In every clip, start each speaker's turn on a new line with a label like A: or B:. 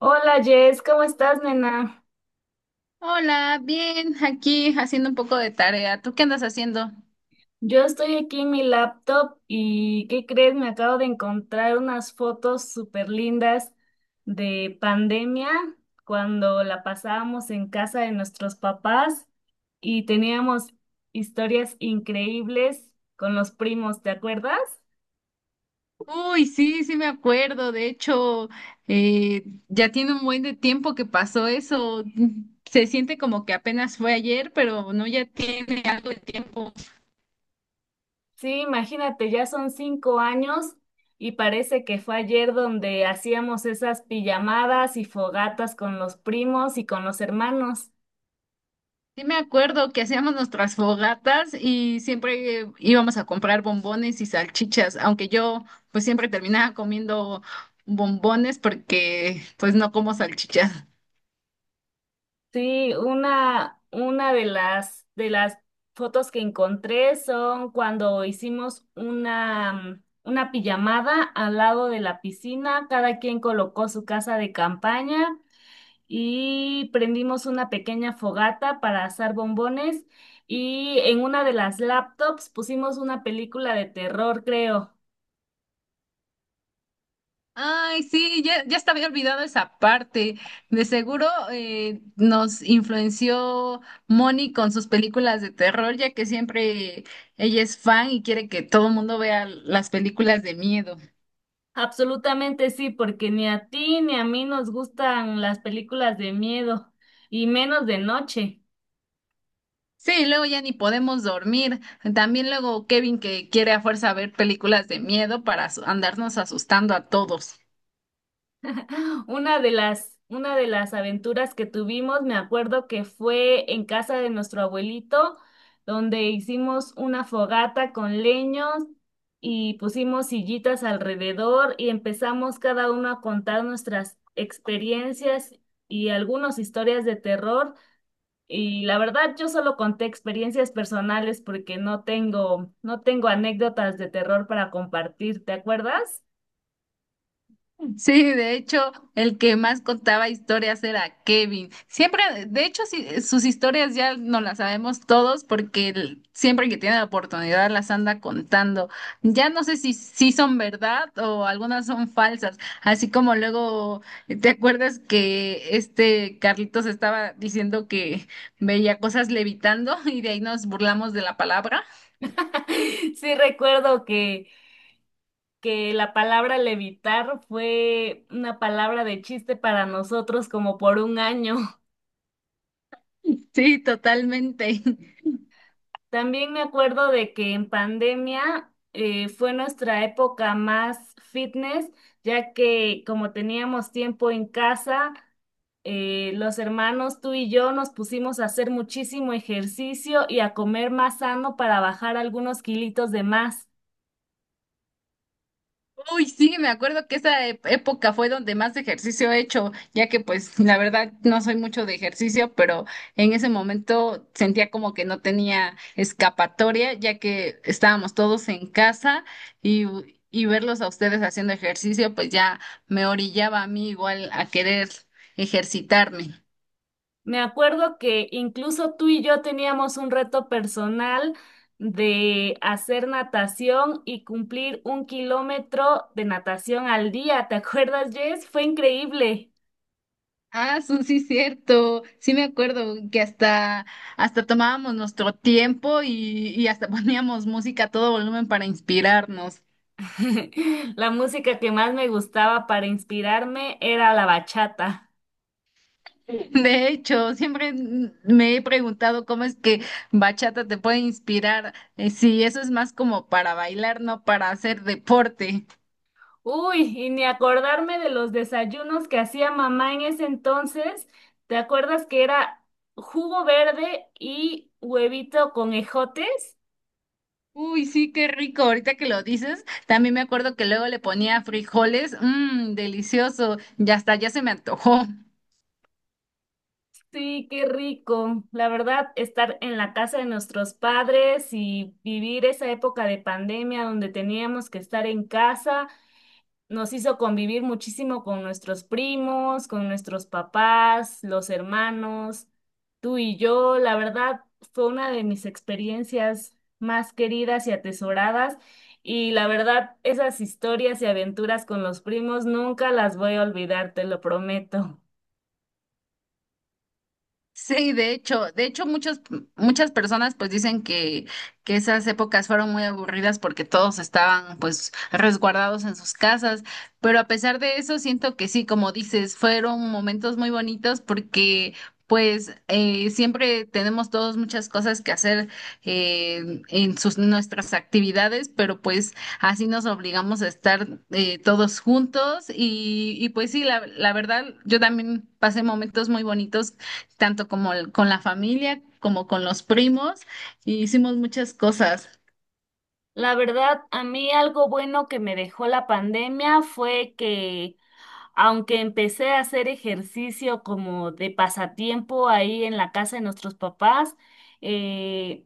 A: Hola Jess, ¿cómo estás, nena?
B: Hola, bien, aquí haciendo un poco de tarea. ¿Tú qué andas haciendo?
A: Yo estoy aquí en mi laptop y, ¿qué crees? Me acabo de encontrar unas fotos súper lindas de pandemia cuando la pasábamos en casa de nuestros papás y teníamos historias increíbles con los primos, ¿te acuerdas?
B: Uy, sí, sí me acuerdo. De hecho, eh, ya tiene un buen de tiempo que pasó eso. Se siente como que apenas fue ayer, pero no, ya tiene algo de tiempo.
A: Sí, imagínate, ya son 5 años y parece que fue ayer donde hacíamos esas pijamadas y fogatas con los primos y con los hermanos.
B: Sí me acuerdo que hacíamos nuestras fogatas y siempre íbamos a comprar bombones y salchichas, aunque yo pues siempre terminaba comiendo bombones porque pues no como salchichas.
A: Sí, una de las fotos que encontré son cuando hicimos una, una pijamada al lado de la piscina, cada quien colocó su casa de campaña y prendimos una pequeña fogata para asar bombones y en una de las laptops pusimos una película de terror, creo.
B: Ay, sí, ya estaba olvidado esa parte. De seguro nos influenció Moni con sus películas de terror, ya que siempre ella es fan y quiere que todo el mundo vea las películas de miedo.
A: Absolutamente sí, porque ni a ti ni a mí nos gustan las películas de miedo y menos de noche.
B: Sí, luego ya ni podemos dormir. También luego Kevin que quiere a fuerza ver películas de miedo para andarnos asustando a todos.
A: Una de las aventuras que tuvimos, me acuerdo que fue en casa de nuestro abuelito, donde hicimos una fogata con leños y pusimos sillitas alrededor y empezamos cada uno a contar nuestras experiencias y algunas historias de terror. Y la verdad, yo solo conté experiencias personales porque no tengo anécdotas de terror para compartir, ¿te acuerdas?
B: Sí, de hecho, el que más contaba historias era Kevin. Siempre, de hecho, sí, sus historias ya no las sabemos todos porque él siempre que tiene la oportunidad las anda contando. Ya no sé si son verdad o algunas son falsas. Así como luego, ¿te acuerdas que este Carlitos estaba diciendo que veía cosas levitando y de ahí nos burlamos de la palabra?
A: Sí, recuerdo que la palabra levitar fue una palabra de chiste para nosotros como por un año.
B: Sí, totalmente.
A: También me acuerdo de que en pandemia fue nuestra época más fitness, ya que como teníamos tiempo en casa, los hermanos, tú y yo, nos pusimos a hacer muchísimo ejercicio y a comer más sano para bajar algunos kilitos de más.
B: Uy, sí, me acuerdo que esa época fue donde más ejercicio he hecho, ya que pues la verdad no soy mucho de ejercicio, pero en ese momento sentía como que no tenía escapatoria, ya que estábamos todos en casa y, y verlos a ustedes haciendo ejercicio, pues ya me orillaba a mí igual a querer ejercitarme.
A: Me acuerdo que incluso tú y yo teníamos un reto personal de hacer natación y cumplir 1 kilómetro de natación al día. ¿Te acuerdas, Jess? Fue increíble.
B: Ah, sí, cierto. Sí me acuerdo que hasta tomábamos nuestro tiempo y hasta poníamos música a todo volumen para inspirarnos.
A: La música que más me gustaba para inspirarme era la bachata.
B: De hecho, siempre me he preguntado cómo es que bachata te puede inspirar, si eso es más como para bailar, no para hacer deporte.
A: Uy, y ni acordarme de los desayunos que hacía mamá en ese entonces. ¿Te acuerdas que era jugo verde y huevito con ejotes?
B: Uy, sí, qué rico. Ahorita que lo dices, también me acuerdo que luego le ponía frijoles, mmm, delicioso. Ya hasta ya se me antojó.
A: Sí, qué rico. La verdad, estar en la casa de nuestros padres y vivir esa época de pandemia donde teníamos que estar en casa, nos hizo convivir muchísimo con nuestros primos, con nuestros papás, los hermanos, tú y yo. La verdad, fue una de mis experiencias más queridas y atesoradas. Y la verdad, esas historias y aventuras con los primos nunca las voy a olvidar, te lo prometo.
B: Sí, de hecho muchas muchas personas pues dicen que esas épocas fueron muy aburridas porque todos estaban pues resguardados en sus casas, pero a pesar de eso siento que sí, como dices, fueron momentos muy bonitos porque pues siempre tenemos todos muchas cosas que hacer en sus nuestras actividades, pero pues así nos obligamos a estar todos juntos y pues sí, la verdad yo también pasé momentos muy bonitos tanto como con la familia como con los primos, y hicimos muchas cosas.
A: La verdad, a mí algo bueno que me dejó la pandemia fue que aunque empecé a hacer ejercicio como de pasatiempo ahí en la casa de nuestros papás, eh,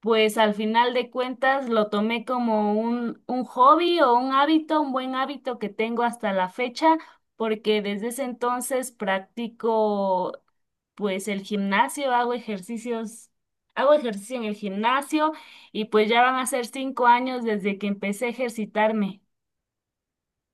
A: pues al final de cuentas lo tomé como un hobby o un hábito, un buen hábito que tengo hasta la fecha, porque desde ese entonces practico pues el gimnasio, hago ejercicios, hago ejercicio en el gimnasio y pues ya van a ser 5 años desde que empecé a ejercitarme.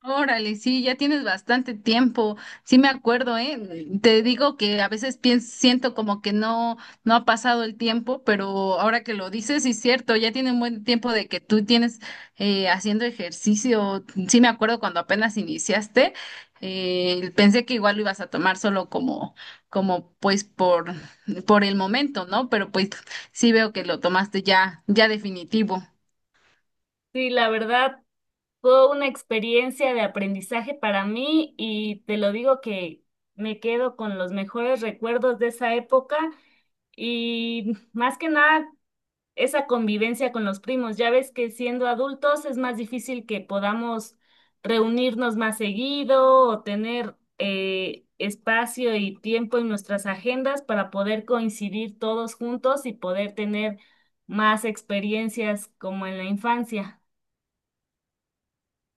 B: Órale, sí, ya tienes bastante tiempo. Sí me acuerdo, ¿eh? Te digo que a veces pienso, siento como que no ha pasado el tiempo, pero ahora que lo dices, sí es cierto, ya tiene un buen tiempo de que tú tienes haciendo ejercicio. Sí me acuerdo cuando apenas iniciaste, pensé que igual lo ibas a tomar solo como pues por el momento, ¿no? Pero pues sí veo que lo tomaste ya definitivo.
A: Sí, la verdad fue una experiencia de aprendizaje para mí y te lo digo que me quedo con los mejores recuerdos de esa época y más que nada esa convivencia con los primos. Ya ves que siendo adultos es más difícil que podamos reunirnos más seguido o tener espacio y tiempo en nuestras agendas para poder coincidir todos juntos y poder tener más experiencias como en la infancia.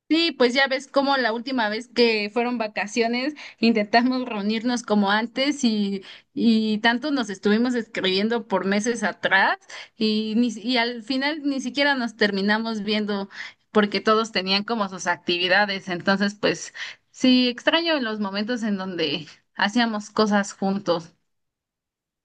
B: Sí, pues ya ves cómo la última vez que fueron vacaciones intentamos reunirnos como antes y tanto nos estuvimos escribiendo por meses atrás y al final ni siquiera nos terminamos viendo porque todos tenían como sus actividades. Entonces, pues sí, extraño los momentos en donde hacíamos cosas juntos.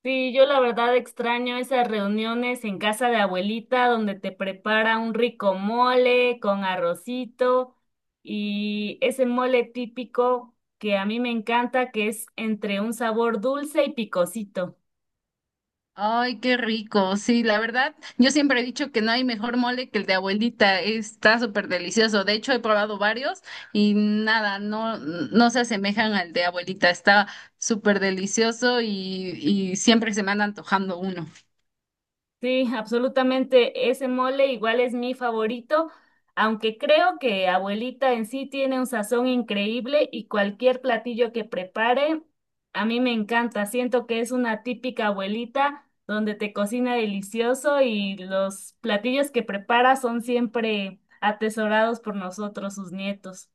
A: Sí, yo la verdad extraño esas reuniones en casa de abuelita donde te prepara un rico mole con arrocito y ese mole típico que a mí me encanta que es entre un sabor dulce y picosito.
B: Ay, qué rico. Sí, la verdad, yo siempre he dicho que no hay mejor mole que el de abuelita. Está súper delicioso. De hecho, he probado varios y nada, no, no se asemejan al de abuelita. Está súper delicioso y siempre se me anda antojando uno.
A: Sí, absolutamente. Ese mole igual es mi favorito, aunque creo que abuelita en sí tiene un sazón increíble y cualquier platillo que prepare, a mí me encanta. Siento que es una típica abuelita donde te cocina delicioso y los platillos que prepara son siempre atesorados por nosotros, sus nietos.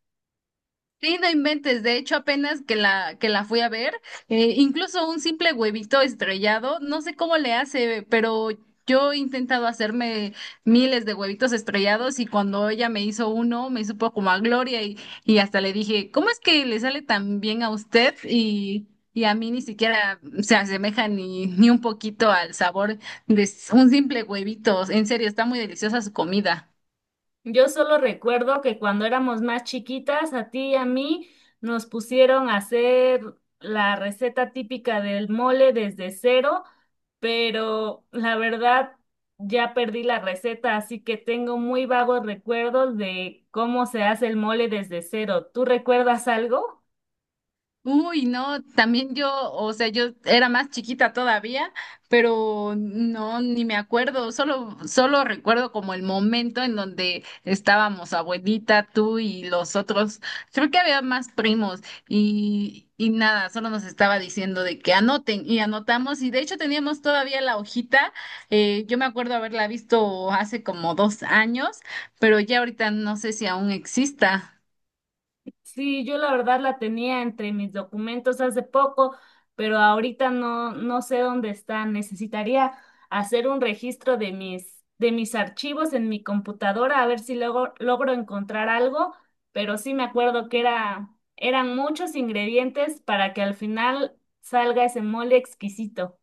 B: Sí, no inventes. De hecho, apenas que que la fui a ver, incluso un simple huevito estrellado, no sé cómo le hace, pero yo he intentado hacerme miles de huevitos estrellados y cuando ella me hizo uno, me supo como a gloria y hasta le dije, ¿cómo es que le sale tan bien a usted y a mí ni siquiera se asemeja ni un poquito al sabor de un simple huevito? En serio, está muy deliciosa su comida.
A: Yo solo recuerdo que cuando éramos más chiquitas, a ti y a mí nos pusieron a hacer la receta típica del mole desde cero, pero la verdad ya perdí la receta, así que tengo muy vagos recuerdos de cómo se hace el mole desde cero. ¿Tú recuerdas algo?
B: Uy, no, también yo, o sea, yo era más chiquita todavía, pero no, ni me acuerdo, solo recuerdo como el momento en donde estábamos abuelita, tú y los otros, creo que había más primos y nada, solo nos estaba diciendo de que anoten y anotamos y de hecho teníamos todavía la hojita, yo me acuerdo haberla visto hace como 2 años, pero ya ahorita no sé si aún exista.
A: Sí, yo la verdad la tenía entre mis documentos hace poco, pero ahorita no, no sé dónde está. Necesitaría hacer un registro de mis archivos en mi computadora a ver si luego logro encontrar algo, pero sí me acuerdo que era, eran muchos ingredientes para que al final salga ese mole exquisito.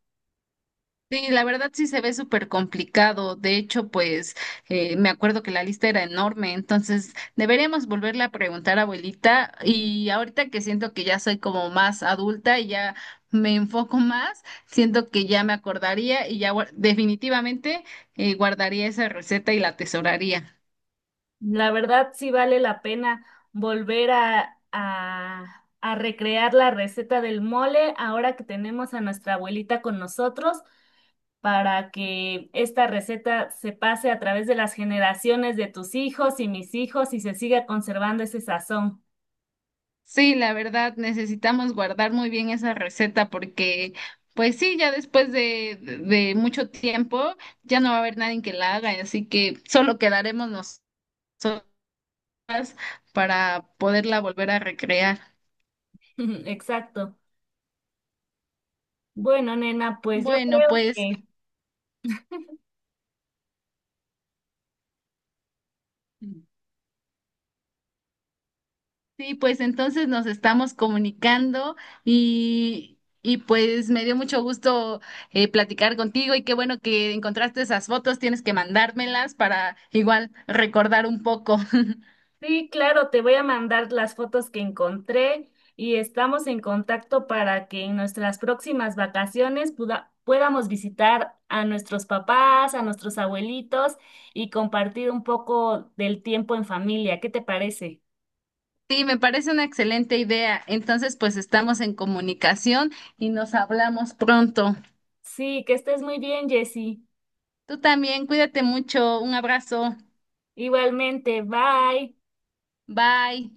B: Sí, la verdad sí se ve súper complicado. De hecho, pues me acuerdo que la lista era enorme, entonces deberíamos volverle a preguntar a abuelita. Y ahorita que siento que ya soy como más adulta y ya me enfoco más, siento que ya me acordaría y ya definitivamente guardaría esa receta y la atesoraría.
A: La verdad sí vale la pena volver a recrear la receta del mole ahora que tenemos a nuestra abuelita con nosotros para que esta receta se pase a través de las generaciones de tus hijos y mis hijos y se siga conservando ese sazón.
B: Sí, la verdad, necesitamos guardar muy bien esa receta porque, pues sí, ya después de mucho tiempo ya no va a haber nadie que la haga, así que solo quedaremos nosotras para poderla volver a recrear.
A: Exacto. Bueno, nena, pues yo
B: Bueno,
A: creo
B: pues
A: que
B: sí, pues entonces nos estamos comunicando y pues me dio mucho gusto platicar contigo y qué bueno que encontraste esas fotos, tienes que mandármelas para igual recordar un poco.
A: sí, claro, te voy a mandar las fotos que encontré y estamos en contacto para que en nuestras próximas vacaciones puda- podamos visitar a nuestros papás, a nuestros abuelitos y compartir un poco del tiempo en familia. ¿Qué te parece?
B: Sí, me parece una excelente idea. Entonces, pues estamos en comunicación y nos hablamos pronto.
A: Sí, que estés muy bien, Jessie.
B: Tú también, cuídate mucho. Un abrazo.
A: Igualmente, bye.
B: Bye.